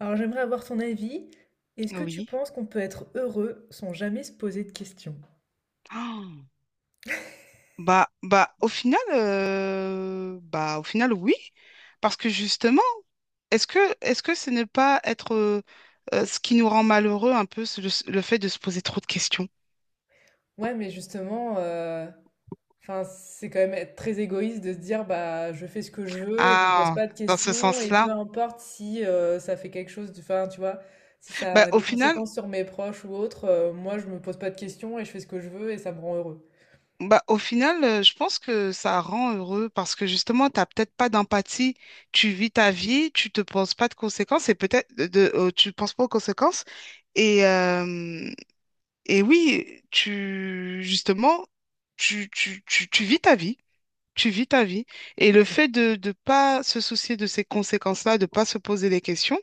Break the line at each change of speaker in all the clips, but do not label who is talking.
Alors j'aimerais avoir ton avis. Est-ce que tu
Oui.
penses qu'on peut être heureux sans jamais se poser de questions?
Ah. Au final, oui. Parce que justement, est-ce que ce n'est pas être ce qui nous rend malheureux un peu, c'est le fait de se poser trop de questions?
Ouais, mais justement, enfin, c'est quand même être très égoïste de se dire, bah, je fais ce que je veux et je me pose
Ah,
pas de
dans ce
questions et peu
sens-là.
importe si ça fait quelque chose, de, enfin, tu vois, si ça
Bah,
a
au
des
final,
conséquences sur mes proches ou autres, moi, je me pose pas de questions et je fais ce que je veux et ça me rend heureux.
je pense que ça rend heureux parce que justement, tu n'as peut-être pas d'empathie. Tu vis ta vie, tu te penses pas de conséquences et tu penses pas aux conséquences. Et, euh, Et oui, tu, justement, tu vis ta vie, tu vis ta vie. Et le fait de ne pas se soucier de ces conséquences-là, de pas se poser des questions,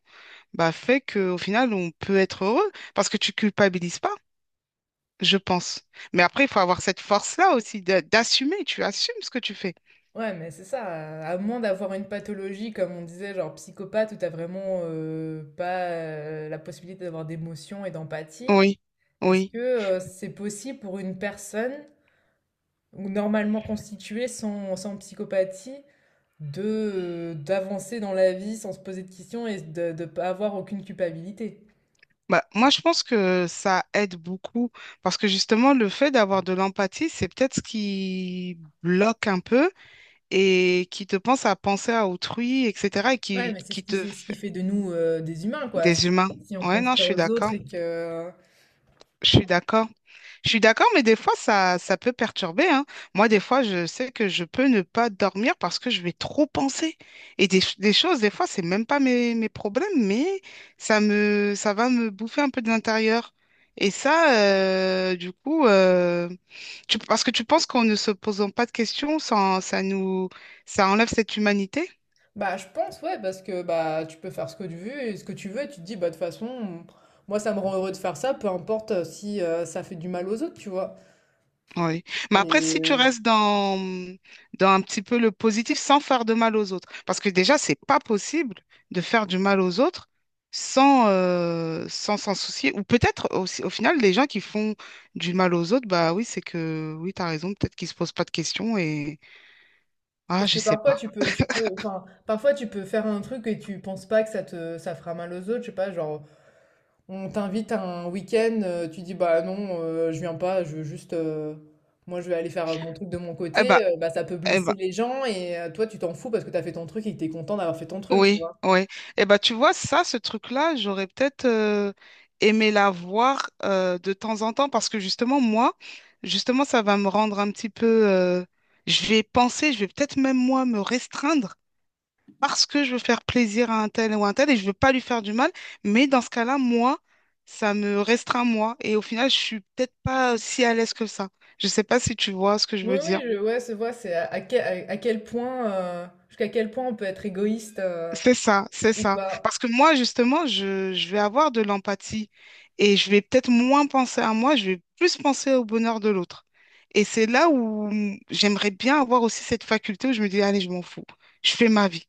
bah, fait qu'au final, on peut être heureux parce que tu culpabilises pas, je pense. Mais après, il faut avoir cette force-là aussi d'assumer, tu assumes ce que tu fais.
Ouais, mais c'est ça, à moins d'avoir une pathologie, comme on disait, genre psychopathe, où t'as vraiment pas la possibilité d'avoir d'émotion et d'empathie.
Oui,
Est-ce
oui.
que, c'est possible pour une personne ou normalement constituée sans psychopathie de, d'avancer dans la vie sans se poser de questions et de pas avoir aucune culpabilité?
Bah, moi, je pense que ça aide beaucoup parce que justement, le fait d'avoir de l'empathie, c'est peut-être ce qui bloque un peu et qui te pense à penser à autrui, etc. et
Ouais, mais c'est
qui
ce qui
te
c'est ce qui
fait
fait de nous, des humains quoi,
des
si
humains.
si on
Ouais,
pense
non, je
pas
suis
aux
d'accord.
autres et que
Je suis d'accord. Je suis d'accord, mais des fois, ça peut perturber, hein. Moi, des fois, je sais que je peux ne pas dormir parce que je vais trop penser. Et des choses, des fois, c'est même pas mes problèmes, mais ça va me bouffer un peu de l'intérieur. Et ça, du coup, tu- Parce que tu penses qu'en ne se posant pas de questions, ça enlève cette humanité?
bah, je pense ouais parce que, bah, tu peux faire ce que tu veux et ce que tu veux et tu te dis: «Bah, de toute façon, moi ça me rend heureux de faire ça, peu importe, si, ça fait du mal aux autres», tu vois?
Oui. Mais après,
Et
si tu
heu.
restes dans, dans un petit peu le positif sans faire de mal aux autres, parce que déjà, c'est pas possible de faire du mal aux autres sans s'en soucier. Ou peut-être aussi, au final, les gens qui font du mal aux autres, bah oui, c'est que oui, tu as raison, peut-être qu'ils se posent pas de questions et ah,
Parce
je
que
sais
parfois
pas.
tu peux, enfin, parfois tu peux faire un truc et tu penses pas que ça te, ça fera mal aux autres, je sais pas, genre, on t'invite à un week-end, tu dis bah non, je viens pas, je veux juste, moi je vais aller faire mon truc de mon
Eh ben,
côté, bah ça peut
eh
blesser
ben,
les gens et toi tu t'en fous parce que t'as fait ton truc et que t'es content d'avoir fait ton truc, tu
Oui,
vois.
oui. Eh ben, tu vois, ce truc-là, j'aurais peut-être aimé la voir de temps en temps parce que justement, justement, ça va me rendre un petit peu, je vais penser, je vais peut-être même moi me restreindre parce que je veux faire plaisir à un tel ou un tel et je veux pas lui faire du mal. Mais dans ce cas-là, moi, ça me restreint moi et au final, je suis peut-être pas si à l'aise que ça. Je sais pas si tu vois ce que je
Oui,
veux
oui,
dire.
je, ouais, c'est vrai, c'est à quel point, jusqu'à quel point on peut être égoïste
C'est ça, c'est
ou
ça.
pas.
Parce que moi, justement, je vais avoir de l'empathie et je vais peut-être moins penser à moi, je vais plus penser au bonheur de l'autre. Et c'est là où j'aimerais bien avoir aussi cette faculté où je me dis, allez, je m'en fous, je fais ma vie.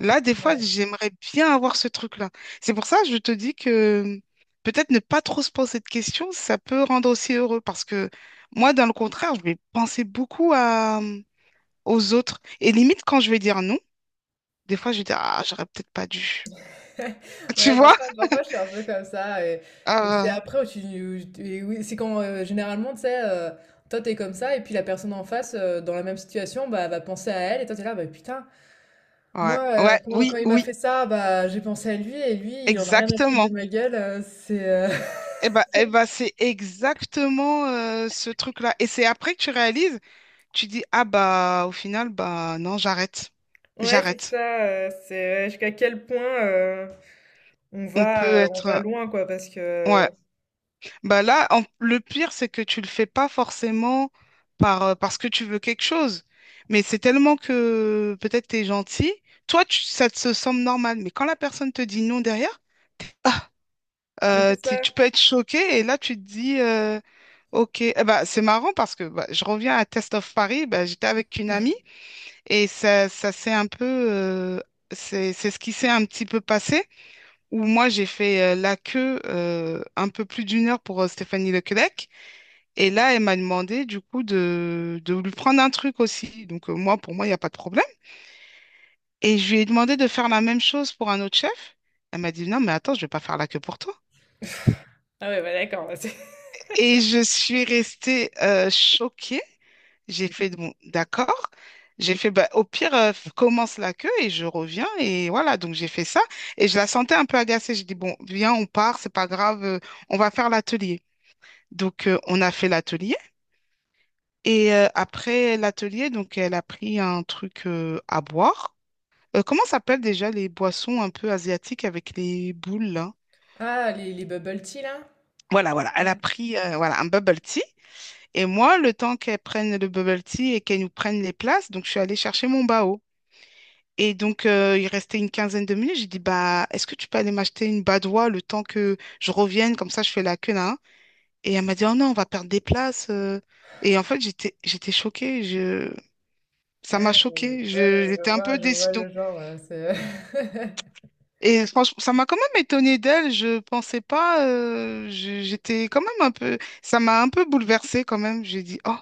Là, des fois, j'aimerais bien avoir ce truc-là. C'est pour ça que je te dis que peut-être ne pas trop se poser de questions, ça peut rendre aussi heureux. Parce que moi, dans le contraire, je vais penser beaucoup aux autres. Et limite, quand je vais dire non, des fois, je vais dire, ah, j'aurais peut-être pas dû. Tu
Ouais,
vois?
parfois, parfois, je suis un peu comme ça. Et c'est
Euh,
après où tu. Et oui, c'est quand généralement, tu sais, toi, t'es comme ça, et puis la personne en face, dans la même situation, bah, va penser à elle, et toi, t'es là, bah putain, moi,
ouais,
quand
oui,
il m'a
oui,
fait ça, bah, j'ai pensé à lui, et lui, il en a rien à foutre de
exactement.
ma gueule. Euh, c'est. Euh,
C'est exactement ce truc-là. Et c'est après que tu réalises, tu dis, ah bah au final, bah non, j'arrête.
Ouais, c'est
J'arrête.
ça, c'est ouais, jusqu'à quel point euh, on
On peut
va, on
être.
va loin, quoi, parce que...
Ouais. Bah là, le pire, c'est que tu le fais pas forcément parce que tu veux quelque chose. Mais c'est tellement que peut-être t'es gentil. Ça te semble normal. Mais quand la personne te dit non derrière, ah,
Mais c'est ça.
tu peux être choqué. Et là, tu te dis. Ok, eh ben, c'est marrant parce que bah, je reviens à Test of Paris, bah, j'étais avec une amie et ça s'est un peu, c'est ce qui s'est un petit peu passé, où moi j'ai fait la queue un peu plus d'une heure pour Stéphanie Lequelec et là elle m'a demandé du coup de lui prendre un truc aussi, moi pour moi il n'y a pas de problème et je lui ai demandé de faire la même chose pour un autre chef, elle m'a dit non mais attends je vais pas faire la queue pour toi
Ah ouais, bah d'accord.
et je suis restée choquée. J'ai fait, bon, d'accord. J'ai fait, bah, au pire, commence la queue et je reviens. Et voilà, donc j'ai fait ça. Et je la sentais un peu agacée. J'ai dit, bon, viens, on part, c'est pas grave, on va faire l'atelier. Donc, on a fait l'atelier. Et après l'atelier, donc, elle a pris un truc à boire. Comment s'appellent déjà les boissons un peu asiatiques avec les boules, là?
Ah, les bubble tea, là?
Voilà, voilà. Elle a
Ouais.
pris voilà, un bubble tea. Et moi, le temps qu'elle prenne le bubble tea et qu'elle nous prenne les places, donc je suis allée chercher mon bao. Et donc, il restait une quinzaine de minutes. J'ai dit, bah, est-ce que tu peux aller m'acheter une badoie le temps que je revienne? Comme ça, je fais la queue là. Hein. Et elle m'a dit, oh non, on va perdre des places. Et en fait, j'étais choquée. Je... Ça
Ouais,
m'a choquée.
ouais,
Je... J'étais un peu
je
déçue.
vois
Donc...
le genre. Euh, c'est...
Et franchement, ça m'a quand même étonnée d'elle. Je pensais pas. J'étais quand même un peu. Ça m'a un peu bouleversée quand même. J'ai dit, oh.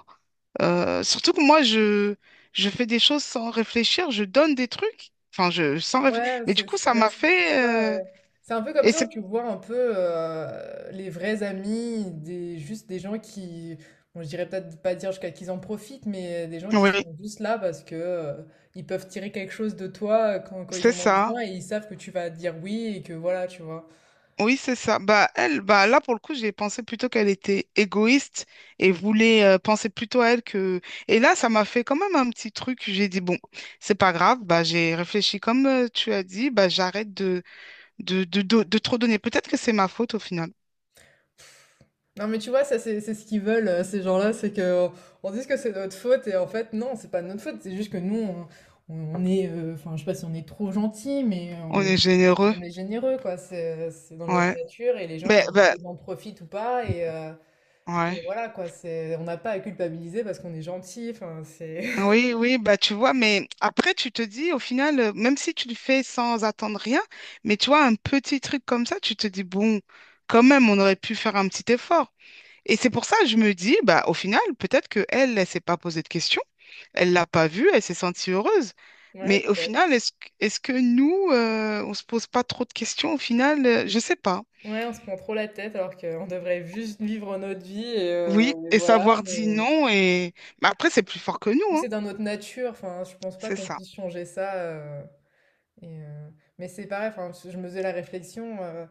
Surtout que moi, je fais des choses sans réfléchir. Je donne des trucs. Enfin, je... sans réfléchir. Mais du coup, ça
Ouais,
m'a
c'est- ça.
fait.
Euh, c'est un peu comme
Et
ça où
c'est
tu vois un peu les vrais amis, des, juste des gens qui, bon, je dirais peut-être pas dire jusqu'à qu'ils en profitent, mais des gens qui
oui,
sont juste là parce que ils peuvent tirer quelque chose de toi quand, quand ils
c'est
en ont
ça.
besoin et ils savent que tu vas dire oui et que voilà, tu vois.
Oui, c'est ça. Bah elle, bah là pour le coup, j'ai pensé plutôt qu'elle était égoïste et voulait penser plutôt à elle que. Et là, ça m'a fait quand même un petit truc. J'ai dit bon, c'est pas grave. Bah j'ai réfléchi comme tu as dit. Bah j'arrête de trop donner. Peut-être que c'est ma faute au final.
Non mais tu vois, ça c'est ce qu'ils veulent, ces gens-là, c'est que on dise que c'est notre faute et en fait non, c'est pas notre faute, c'est juste que nous on est, enfin je sais pas si on est trop gentil, mais
On est généreux.
on est généreux quoi, c'est dans notre
Ouais.
nature et les gens
Mais
ils en,
bah
ils en profitent ou pas et, et
ouais.
voilà quoi, c'est on n'a pas à culpabiliser parce qu'on est gentil, enfin c'est
Oui, oui, bah tu vois, mais après tu te dis au final, même si tu le fais sans attendre rien, mais tu vois, un petit truc comme ça, tu te dis, bon, quand même, on aurait pu faire un petit effort. Et c'est pour ça que je me dis, bah au final, peut-être que elle, elle s'est pas posée de questions, elle l'a pas vu, elle s'est sentie heureuse.
ouais
Mais au
peut-être.
final, est-ce que nous, on se pose pas trop de questions au final? Je sais pas.
Ouais, on se prend trop la tête alors qu'on devrait juste vivre notre vie
Oui,
et
et
voilà,
savoir dire non, et mais après, c'est plus fort que
mais
nous, hein.
c'est dans notre nature, enfin je pense pas
C'est
qu'on
ça.
puisse changer ça. Euh, et, mais c'est pareil, enfin, je me faisais la réflexion,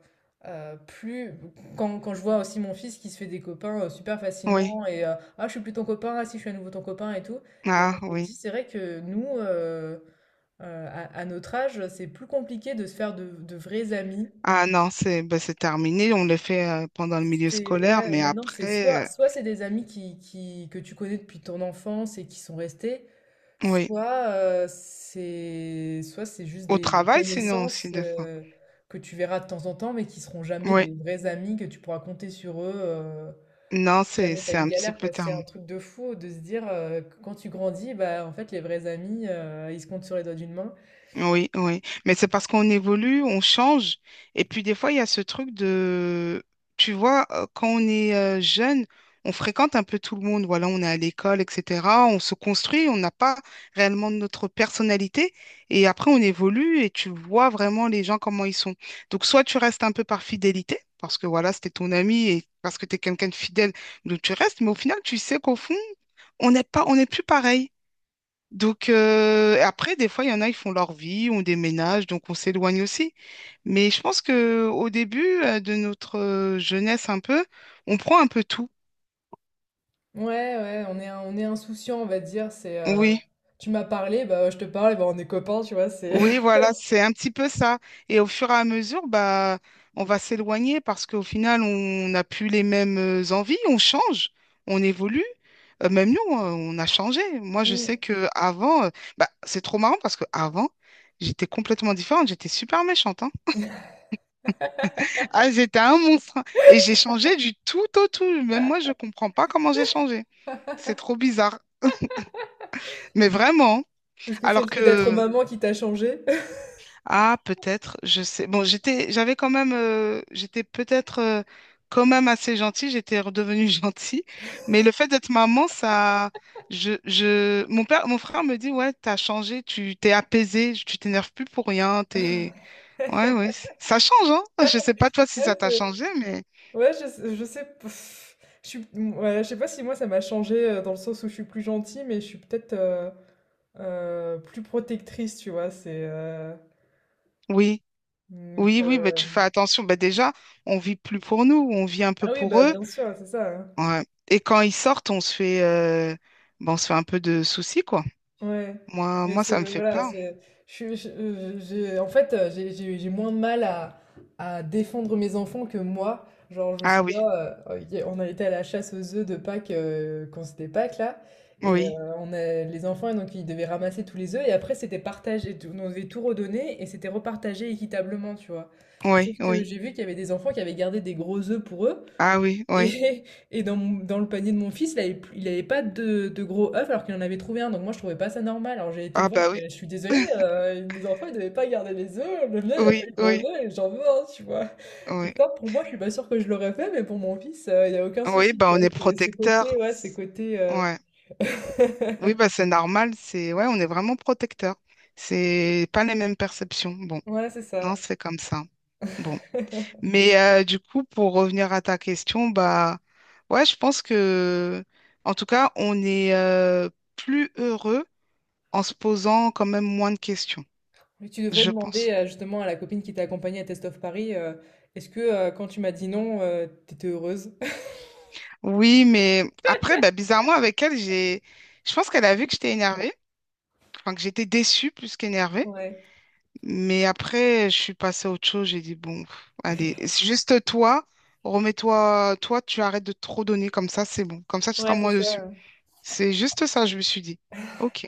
plus quand, quand je vois aussi mon fils qui se fait des copains super
Oui.
facilement et ah je suis plus ton copain, ah si je suis à nouveau ton copain et tout. Et
Ah
je me dis
oui.
c'est vrai que nous, à notre âge, c'est plus compliqué de se faire de vrais amis.
Ah non, c'est bah, c'est terminé. On le fait pendant le milieu
C'est
scolaire,
ouais,
mais
maintenant c'est soit
après,
soit c'est des amis qui que tu connais depuis ton enfance et qui sont restés,
oui.
soit, c'est soit c'est juste
Au
des
travail, sinon aussi,
connaissances,
des fois.
que tu verras de temps en temps, mais qui seront jamais
Oui.
des vrais amis que tu pourras compter sur eux,
Non,
si jamais tu as
c'est
une
un petit
galère,
peu
quoi. C'est un
terminé.
truc de fou de se dire, que quand tu grandis, bah, en fait, les vrais amis, ils se comptent sur les doigts d'une main.
Oui, oui. Mais c'est parce qu'on évolue, on change. Et puis des fois, il y a ce truc de, tu vois, quand on est jeune, on fréquente un peu tout le monde. Voilà, on est à l'école, etc. On se construit, on n'a pas réellement notre personnalité. Et après, on évolue et tu vois vraiment les gens comment ils sont. Donc, soit tu restes un peu par fidélité, parce que voilà, c'était ton ami et parce que tu es quelqu'un de fidèle, donc tu restes. Mais au final, tu sais qu'au fond, on n'est plus pareil. Donc, après, des fois, il y en a, ils font leur vie, on déménage, donc on s'éloigne aussi. Mais je pense que au début de notre jeunesse un peu, on prend un peu tout.
Ouais, ouais, on est insouciant, on va dire. C'est,
Oui,
tu m'as parlé, bah, je te parle et bah, on est copains, tu vois? C'est
oui, voilà, c'est un petit peu ça. Et au fur et à mesure, bah, on va s'éloigner parce qu'au final, on n'a plus les mêmes envies, on change, on évolue. Même nous, on a changé. Moi, je sais
mmh.
que avant, bah, c'est trop marrant parce que avant, j'étais complètement différente, j'étais super méchante, hein. Ah, c'était un monstre. Hein. Et j'ai changé du tout au tout. Même moi, je comprends pas comment j'ai changé. C'est trop bizarre. Mais vraiment.
Est-ce que c'est
Alors
le fait d'être
que,
maman qui t'a changé?
ah, peut-être, je sais. Bon, j'avais quand même, j'étais peut-être quand même assez gentille. J'étais redevenue gentille. Mais le fait d'être maman, ça, mon père, mon frère me dit, ouais, t'as changé, tu t'es apaisée, tu t'énerves plus pour rien. T'es, ouais, oui. Ça change, hein. Je sais pas toi si ça t'a
Ouais,
changé, mais
ouais, je sais pff, je suis ouais, je sais pas si moi ça m'a changé dans le sens où je suis plus gentille, mais je suis peut-être, plus protectrice, tu vois? C'est,
oui.
donc,
Oui, oui, bah, tu fais
heu.
attention. Bah, déjà, on vit plus pour nous, on vit un peu
Ah oui,
pour
bah,
eux.
bien sûr, c'est ça, hein.
Ouais. Et quand ils sortent, bah, on se fait un peu de soucis, quoi.
Ouais,
Moi,
mais
moi,
c'est
ça me fait
voilà,
peur.
c'est j'ai en fait, j'ai moins de mal à défendre mes enfants que moi. Genre, je me
Ah oui,
souviens, y a on a été à la chasse aux œufs de Pâques, quand c'était Pâques là et
oui,
on a les enfants donc ils devaient ramasser tous les œufs et après c'était partagé, tout on devait tout redonner et c'était repartagé équitablement, tu vois?
oui,
Sauf que
oui.
j'ai vu qu'il y avait des enfants qui avaient gardé des gros œufs pour eux
Ah oui, oui.
et, et dans, dans le panier de mon fils, il avait, il avait pas de, de gros œufs alors qu'il en avait trouvé un. Donc moi, je trouvais pas ça normal. Alors j'ai été
Ah
voir, je,
bah oui,
fais, je suis désolée, les enfants, ils devaient pas garder les œufs. Le mien, il a pas
oui,
eu de gros
oui,
œufs et j'en veux un, tu vois.
oui.
Et ça, pour moi, je suis pas sûre que je l'aurais fait, mais pour mon fils, il y a aucun
Oui,
souci, tu
bah
vois.
on est
C'est ce côté,
protecteur.
ouais, ce côté...
Ouais. Oui, bah c'est normal. C'est ouais, on est vraiment protecteur. C'est pas les mêmes perceptions. Bon,
Ouais, c'est
non,
ça.
c'est comme ça. Bon. Mais du coup, pour revenir à ta question, bah ouais, je pense que en tout cas, on est plus heureux en se posant quand même moins de questions,
Mais tu devrais
je
demander
pense.
justement à la copine qui t'a accompagnée à Test of Paris, est-ce que quand tu m'as dit non, t'étais heureuse?
Oui, mais après, bah, bizarrement, avec elle, j'ai je pense qu'elle a vu que j'étais énervée, enfin que j'étais déçue plus qu'énervée.
Ouais,
Mais après, je suis passée à autre chose, j'ai dit bon, pff, allez, c'est juste toi, remets-toi, toi, tu arrêtes de trop donner comme ça, c'est bon. Comme ça, tu seras
ouais, c'est
moins dessus.
ça.
C'est juste ça, je me suis dit. Ok.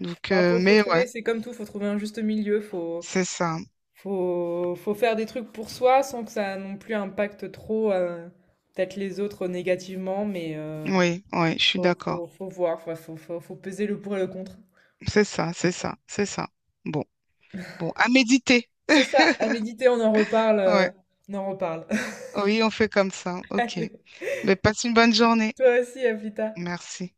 Donc,
Bah, faut, faut
mais ouais,
trouver, c'est comme tout, faut trouver un juste milieu, faut,
c'est ça.
faut, faut faire des trucs pour soi sans que ça non plus impacte trop peut-être les autres négativement, mais
Oui, ouais, je suis
faut,
d'accord.
faut, faut voir, faut, faut, faut- faut peser le pour et le contre.
C'est ça, c'est ça, c'est ça. Bon, bon, à méditer.
C'est ça, à méditer, on en reparle,
Ouais,
on en reparle.
oui, on fait comme ça. OK.
Allez,
Mais passe une bonne journée.
toi aussi, à plus tard.
Merci.